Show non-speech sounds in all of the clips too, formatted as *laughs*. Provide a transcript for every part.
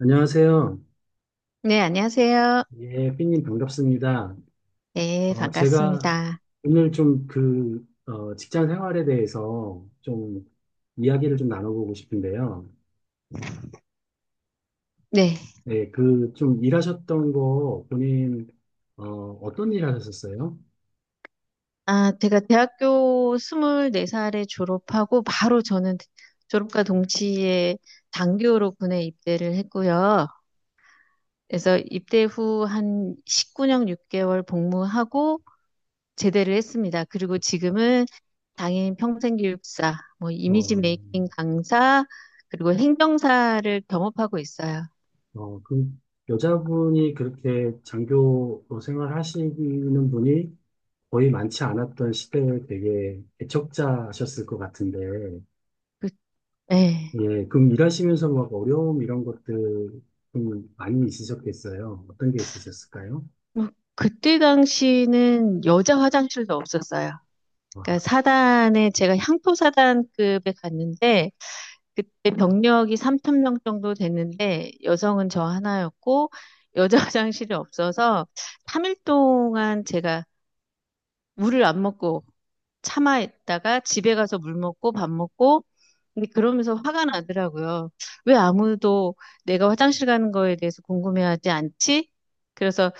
안녕하세요. 네, 안녕하세요. 예, 삐님 반갑습니다. 네, 제가 반갑습니다. 오늘 좀 직장 생활에 대해서 좀 이야기를 좀 나눠보고 싶은데요. 네. 네, 그 좀 일하셨던 거 본인, 어, 어떤 일 하셨었어요? 아, 제가 대학교 24살에 졸업하고 바로 저는 졸업과 동시에 장교로 군에 입대를 했고요. 그래서 입대 후 한 19년 6개월 복무하고 제대를 했습니다. 그리고 지금은 당인 평생교육사, 뭐 이미지 어, 메이킹 강사, 그리고 행정사를 겸업하고 있어요. 그 여자분이 그렇게 장교 생활하시는 분이 거의 많지 않았던 시대에 되게 애척자셨을 것 같은데, 그, 네. 예, 그럼 일하시면서 막 어려움 이런 것들 좀 많이 있으셨겠어요? 어떤 게 있으셨을까요? 뭐, 그때 당시는 여자 화장실도 없었어요. 그러니까 와, 사단에 제가 향토 사단급에 갔는데 그때 병력이 3천 명 정도 됐는데 여성은 저 하나였고 여자 *laughs* 화장실이 없어서 3일 동안 제가 물을 안 먹고 참아 있다가 집에 가서 물 먹고 밥 먹고, 근데 그러면서 화가 나더라고요. 왜 아무도 내가 화장실 가는 거에 대해서 궁금해하지 않지? 그래서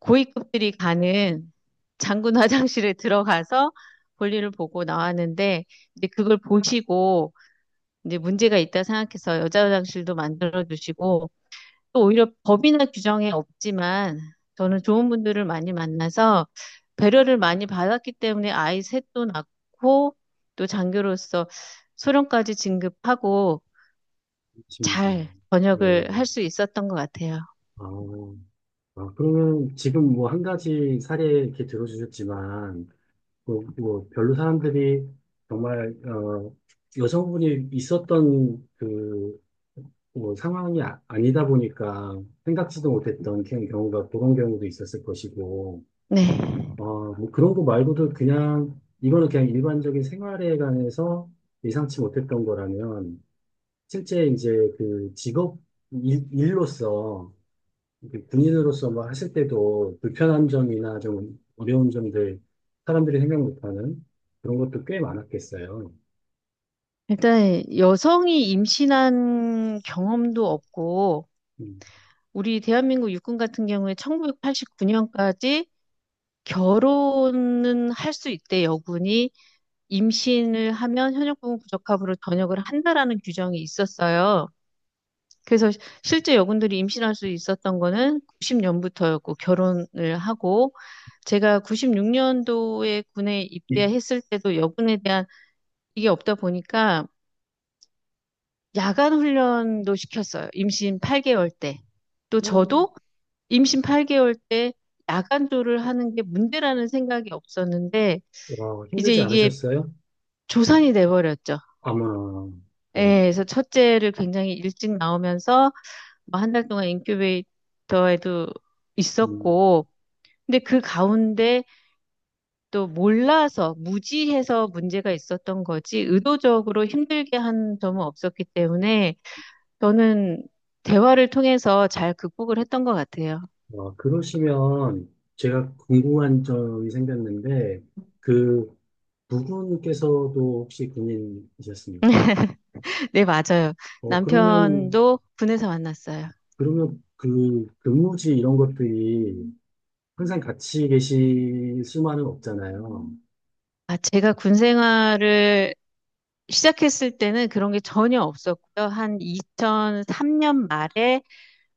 고위급들이 가는 장군 화장실에 들어가서 볼일을 보고 나왔는데 이제 그걸 보시고 이제 문제가 있다 생각해서 여자 화장실도 만들어 주시고, 또 오히려 법이나 규정에 없지만 저는 좋은 분들을 많이 만나서 배려를 많이 받았기 때문에 아이 셋도 낳고 또 장교로서 소령까지 진급하고 그렇습니다. 잘 예, 전역을 할 수 있었던 것 같아요. 아, 아, 그러면 지금 뭐 한 가지 사례 이렇게 들어주셨지만, 뭐, 뭐 별로 사람들이 정말, 여성분이 있었던 그, 뭐 상황이 니다 보니까 생각지도 못했던 그런 경우도 있었을 것이고, 네. 뭐 그런 거 말고도 그냥, 이거는 그냥 일반적인 생활에 관해서 예상치 못했던 거라면, 실제 이제 그 직업, 일로서, 그 군인으로서 뭐 하실 때도 불편한 점이나 좀 어려운 점들, 사람들이 생각 못하는 그런 것도 꽤 많았겠어요. 일단 여성이 임신한 경험도 없고, 음. 우리 대한민국 육군 같은 경우에 1989년까지 결혼은 할 수 있대, 여군이. 임신을 하면 현역부분 부적합으로 전역을 한다라는 규정이 있었어요. 그래서 실제 여군들이 임신할 수 있었던 거는 90년부터였고, 결혼을 하고 제가 96년도에 군에 입대했을 때도 여군에 대한 이게 없다 보니까 야간 훈련도 시켰어요. 임신 8개월 때. 또 음. 저도 임신 8개월 때 야간조를 하는 게 문제라는 생각이 없었는데 와, 이제 힘들지 이게 않으셨어요? 조산이 돼버렸죠. 아마, 예, 그럼. 그래서 첫째를 굉장히 일찍 나오면서 한 달 동안 인큐베이터에도 음. 있었고, 근데 그 가운데 또 몰라서 무지해서 문제가 있었던 거지 의도적으로 힘들게 한 점은 없었기 때문에 저는 대화를 통해서 잘 극복을 했던 것 같아요. 어, 그러시면 제가 궁금한 점이 생겼는데, 그 부부께서도 혹시 군인이셨습니까? *laughs* 네, 맞아요. 어, 그러면, 남편도 군에서 만났어요. 그러면 그 근무지 이런 것들이 항상 같이 계실 수만은 없잖아요. 아, 제가 군 생활을 시작했을 때는 그런 게 전혀 없었고요. 한 2003년 말에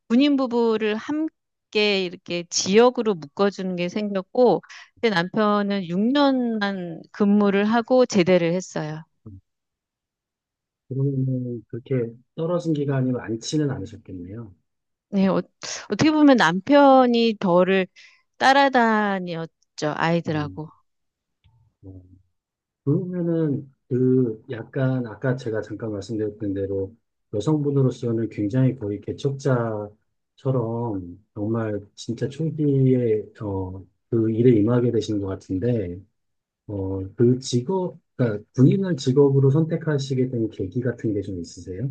군인 부부를 함께 이렇게 지역으로 묶어주는 게 생겼고, 제 남편은 6년만 근무를 하고 제대를 했어요. 그러면 그렇게 떨어진 기간이 많지는 않으셨겠네요. 네, 어 떻게 보면 남편이 저를 따라다녔죠, 음, 아이들하고. 어. 그러면은 그 약간 아까 제가 잠깐 말씀드렸던 대로 여성분으로서는 굉장히 거의 개척자처럼 정말 진짜 초기에 그 일에 임하게 되신 것 같은데 그 직업, 그러니까 군인을 직업으로 선택하시게 된 계기 같은 게 좀 있으세요?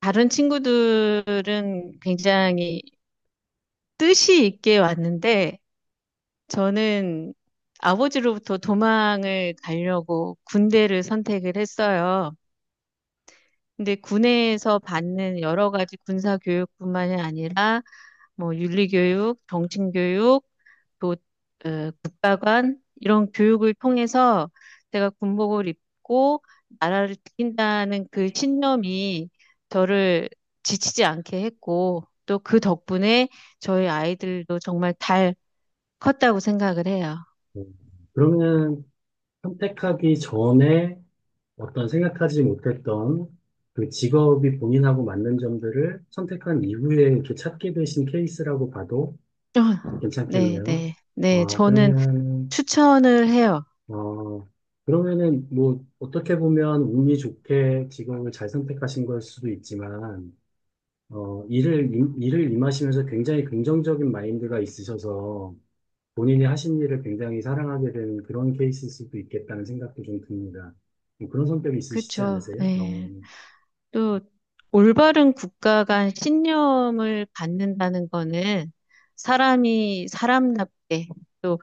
다른 친구들은 굉장히 뜻이 있게 왔는데, 저는 아버지로부터 도망을 가려고 군대를 선택을 했어요. 근데 군에서 받는 여러 가지 군사 교육뿐만이 아니라 뭐 윤리 교육, 정신 교육, 또 국가관 이런 교육을 통해서 제가 군복을 입고 나라를 지킨다는 그 신념이 저를 지치지 않게 했고, 또 그 덕분에 저희 아이들도 정말 잘 컸다고 생각을 해요. 음, 그러면 선택하기 전에 어떤 생각하지 못했던 그 직업이 본인하고 맞는 점들을 선택한 이후에 이렇게 찾게 되신 케이스라고 봐도 *laughs* 네, 괜찮겠네요. 네, 네. 와, 저는 그러면, 추천을 해요. 어, 그러면은 뭐 어떻게 보면 운이 좋게 직업을 잘 선택하신 걸 수도 있지만, 어, 일을 임하시면서 굉장히 긍정적인 마인드가 있으셔서 본인이 하신 일을 굉장히 사랑하게 되는 그런 케이스일 수도 있겠다는 생각도 좀 듭니다. 뭐 그런 성격이 있으시지 그쵸. 않으세요? 어. 네. 또 올바른 국가간 신념을 갖는다는 거는 사람이 사람답게 또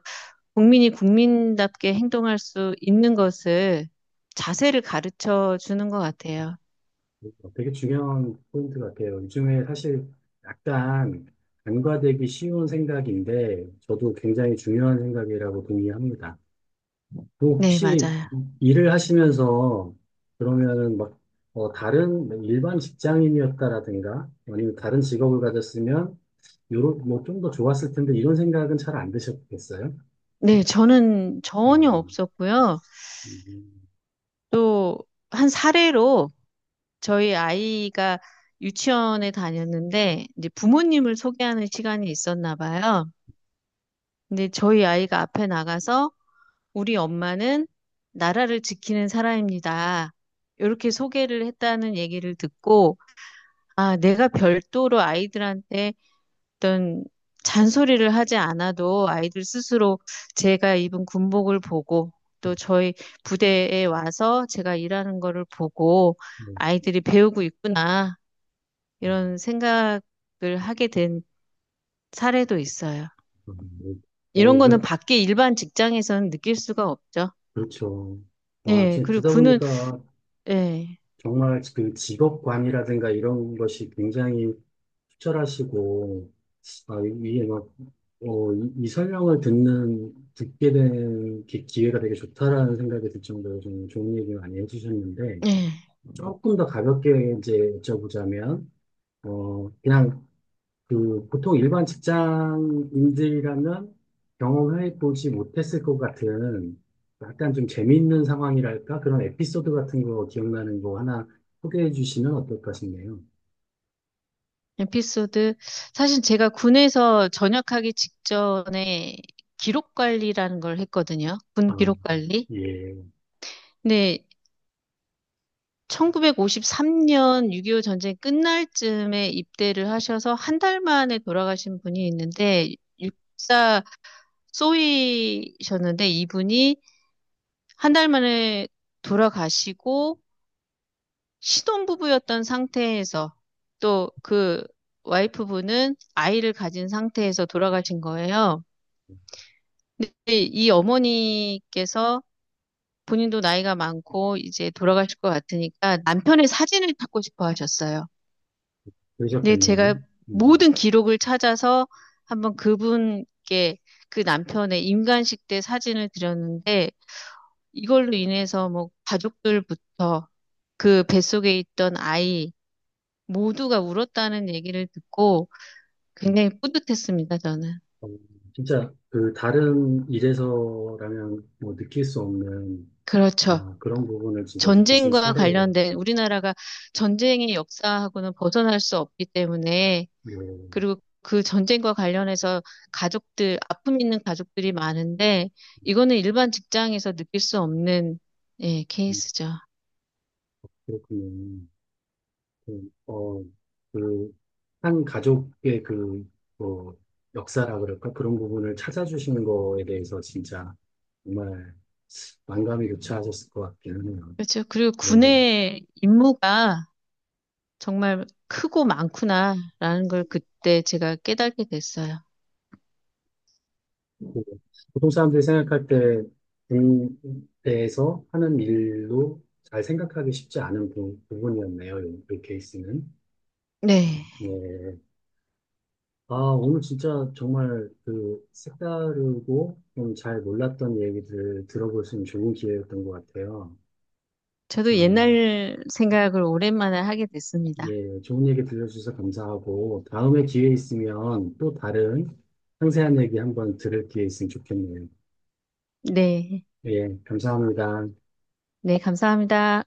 국민이 국민답게 행동할 수 있는 것을, 자세를 가르쳐 주는 것 같아요. 어, 되게 중요한 포인트 같아요. 요즘에 사실 약간 간과되기 쉬운 생각인데 저도 굉장히 중요한 생각이라고 동의합니다. 그 네, 혹시 맞아요. 일을 하시면서 그러면은 막 다른 뭐 일반 직장인이었다라든가 아니면 다른 직업을 가졌으면 요런 뭐좀 더 좋았을 텐데 이런 생각은 잘 안 드셨겠어요? 네, 저는 전혀 음, 없었고요. 음, 음, 또 한 사례로 저희 아이가 유치원에 다녔는데 이제 부모님을 소개하는 시간이 있었나 봐요. 근데 저희 아이가 앞에 나가서 우리 엄마는 나라를 지키는 사람입니다, 이렇게 소개를 했다는 얘기를 듣고, 아, 내가 별도로 아이들한테 어떤 잔소리를 하지 않아도 아이들 스스로 제가 입은 군복을 보고 또 저희 부대에 와서 제가 일하는 거를 보고 음, 아이들이 배우고 있구나, 음. 이런 생각을 하게 된 사례도 있어요. 음. 어, 이런 거는 이건 밖에 일반 직장에서는 느낄 수가 없죠. 그렇죠. 와, 예, 지금 그리고 듣다 군은, 보니까 예. 정말 그 직업관이라든가 이런 것이 굉장히 투철하시고, 아, 이게 막, 어, 이 설명을 듣게 된 기회가 되게 좋다라는 생각이 들 정도로 좀 좋은 얘기 많이 해주셨는데, 예. 조금 더 가볍게 이제 여쭤보자면, 어, 그냥 그 보통 일반 직장인들이라면 경험해 보지 못했을 것 같은 약간 좀 재미있는 상황이랄까? 그런 에피소드 같은 거 기억나는 거 하나 소개해 주시면 어떨까 싶네요. 에피소드. 사실 제가 군에서 전역하기 직전에 기록 관리라는 걸 했거든요. 군 아, 기록 관리. 예, 근데 1953년 6.25 전쟁 끝날 쯤에 입대를 하셔서 한 달 만에 돌아가신 분이 있는데 육사 쏘이셨는데, 이분이 한 달 만에 돌아가시고 신혼부부였던 상태에서 또 그 와이프분은 아이를 가진 상태에서 돌아가신 거예요. 근데 이 어머니께서 본인도 나이가 많고 이제 돌아가실 것 같으니까 남편의 사진을 찾고 싶어 하셨어요. 근데 제가 그러셨겠네요. 음. 모든 기록을 찾아서 한번 그분께 그 남편의 임관식 때 사진을 드렸는데 이걸로 인해서 뭐 가족들부터 그 뱃속에 있던 아이 모두가 울었다는 얘기를 듣고 굉장히 뿌듯했습니다, 저는. 어, 진짜 그 다른 일에서라면 뭐 느낄 수 없는 그렇죠. 아, 그런 부분을 진짜 느끼신 전쟁과 사례, 관련된, 우리나라가 전쟁의 역사하고는 벗어날 수 없기 때문에, 예, 그리고 그 전쟁과 관련해서 가족들, 아픔 있는 가족들이 많은데 이거는 일반 직장에서 느낄 수 없는, 예, 음, 케이스죠. 그렇군요. 그, 어, 그, 한 가족의 그, 뭐, 역사라 그럴까? 그런 부분을 찾아주신 거에 대해서 진짜 정말 만감이 교차하셨을 것 같기는 해요. 그렇죠. 그리고 네네. 군의 임무가 정말 크고 많구나라는 걸 그때 제가 깨닫게 됐어요. 그 보통 사람들이 생각할 때, 군대에서 하는 일로 잘 생각하기 쉽지 않은 부분이었네요. 이 케이스는. 네. 네. 아, 오늘 진짜 정말 그 색다르고 좀 잘 몰랐던 얘기들 들어볼 수 있는 좋은 기회였던 것 같아요. 저도 음, 옛날 생각을 오랜만에 하게 됐습니다. 예, 좋은 얘기 들려주셔서 감사하고, 다음에 기회 있으면 또 다른 상세한 얘기 한번 들을 기회 있으면 좋겠네요. 네. 예, 감사합니다. 네, 감사합니다.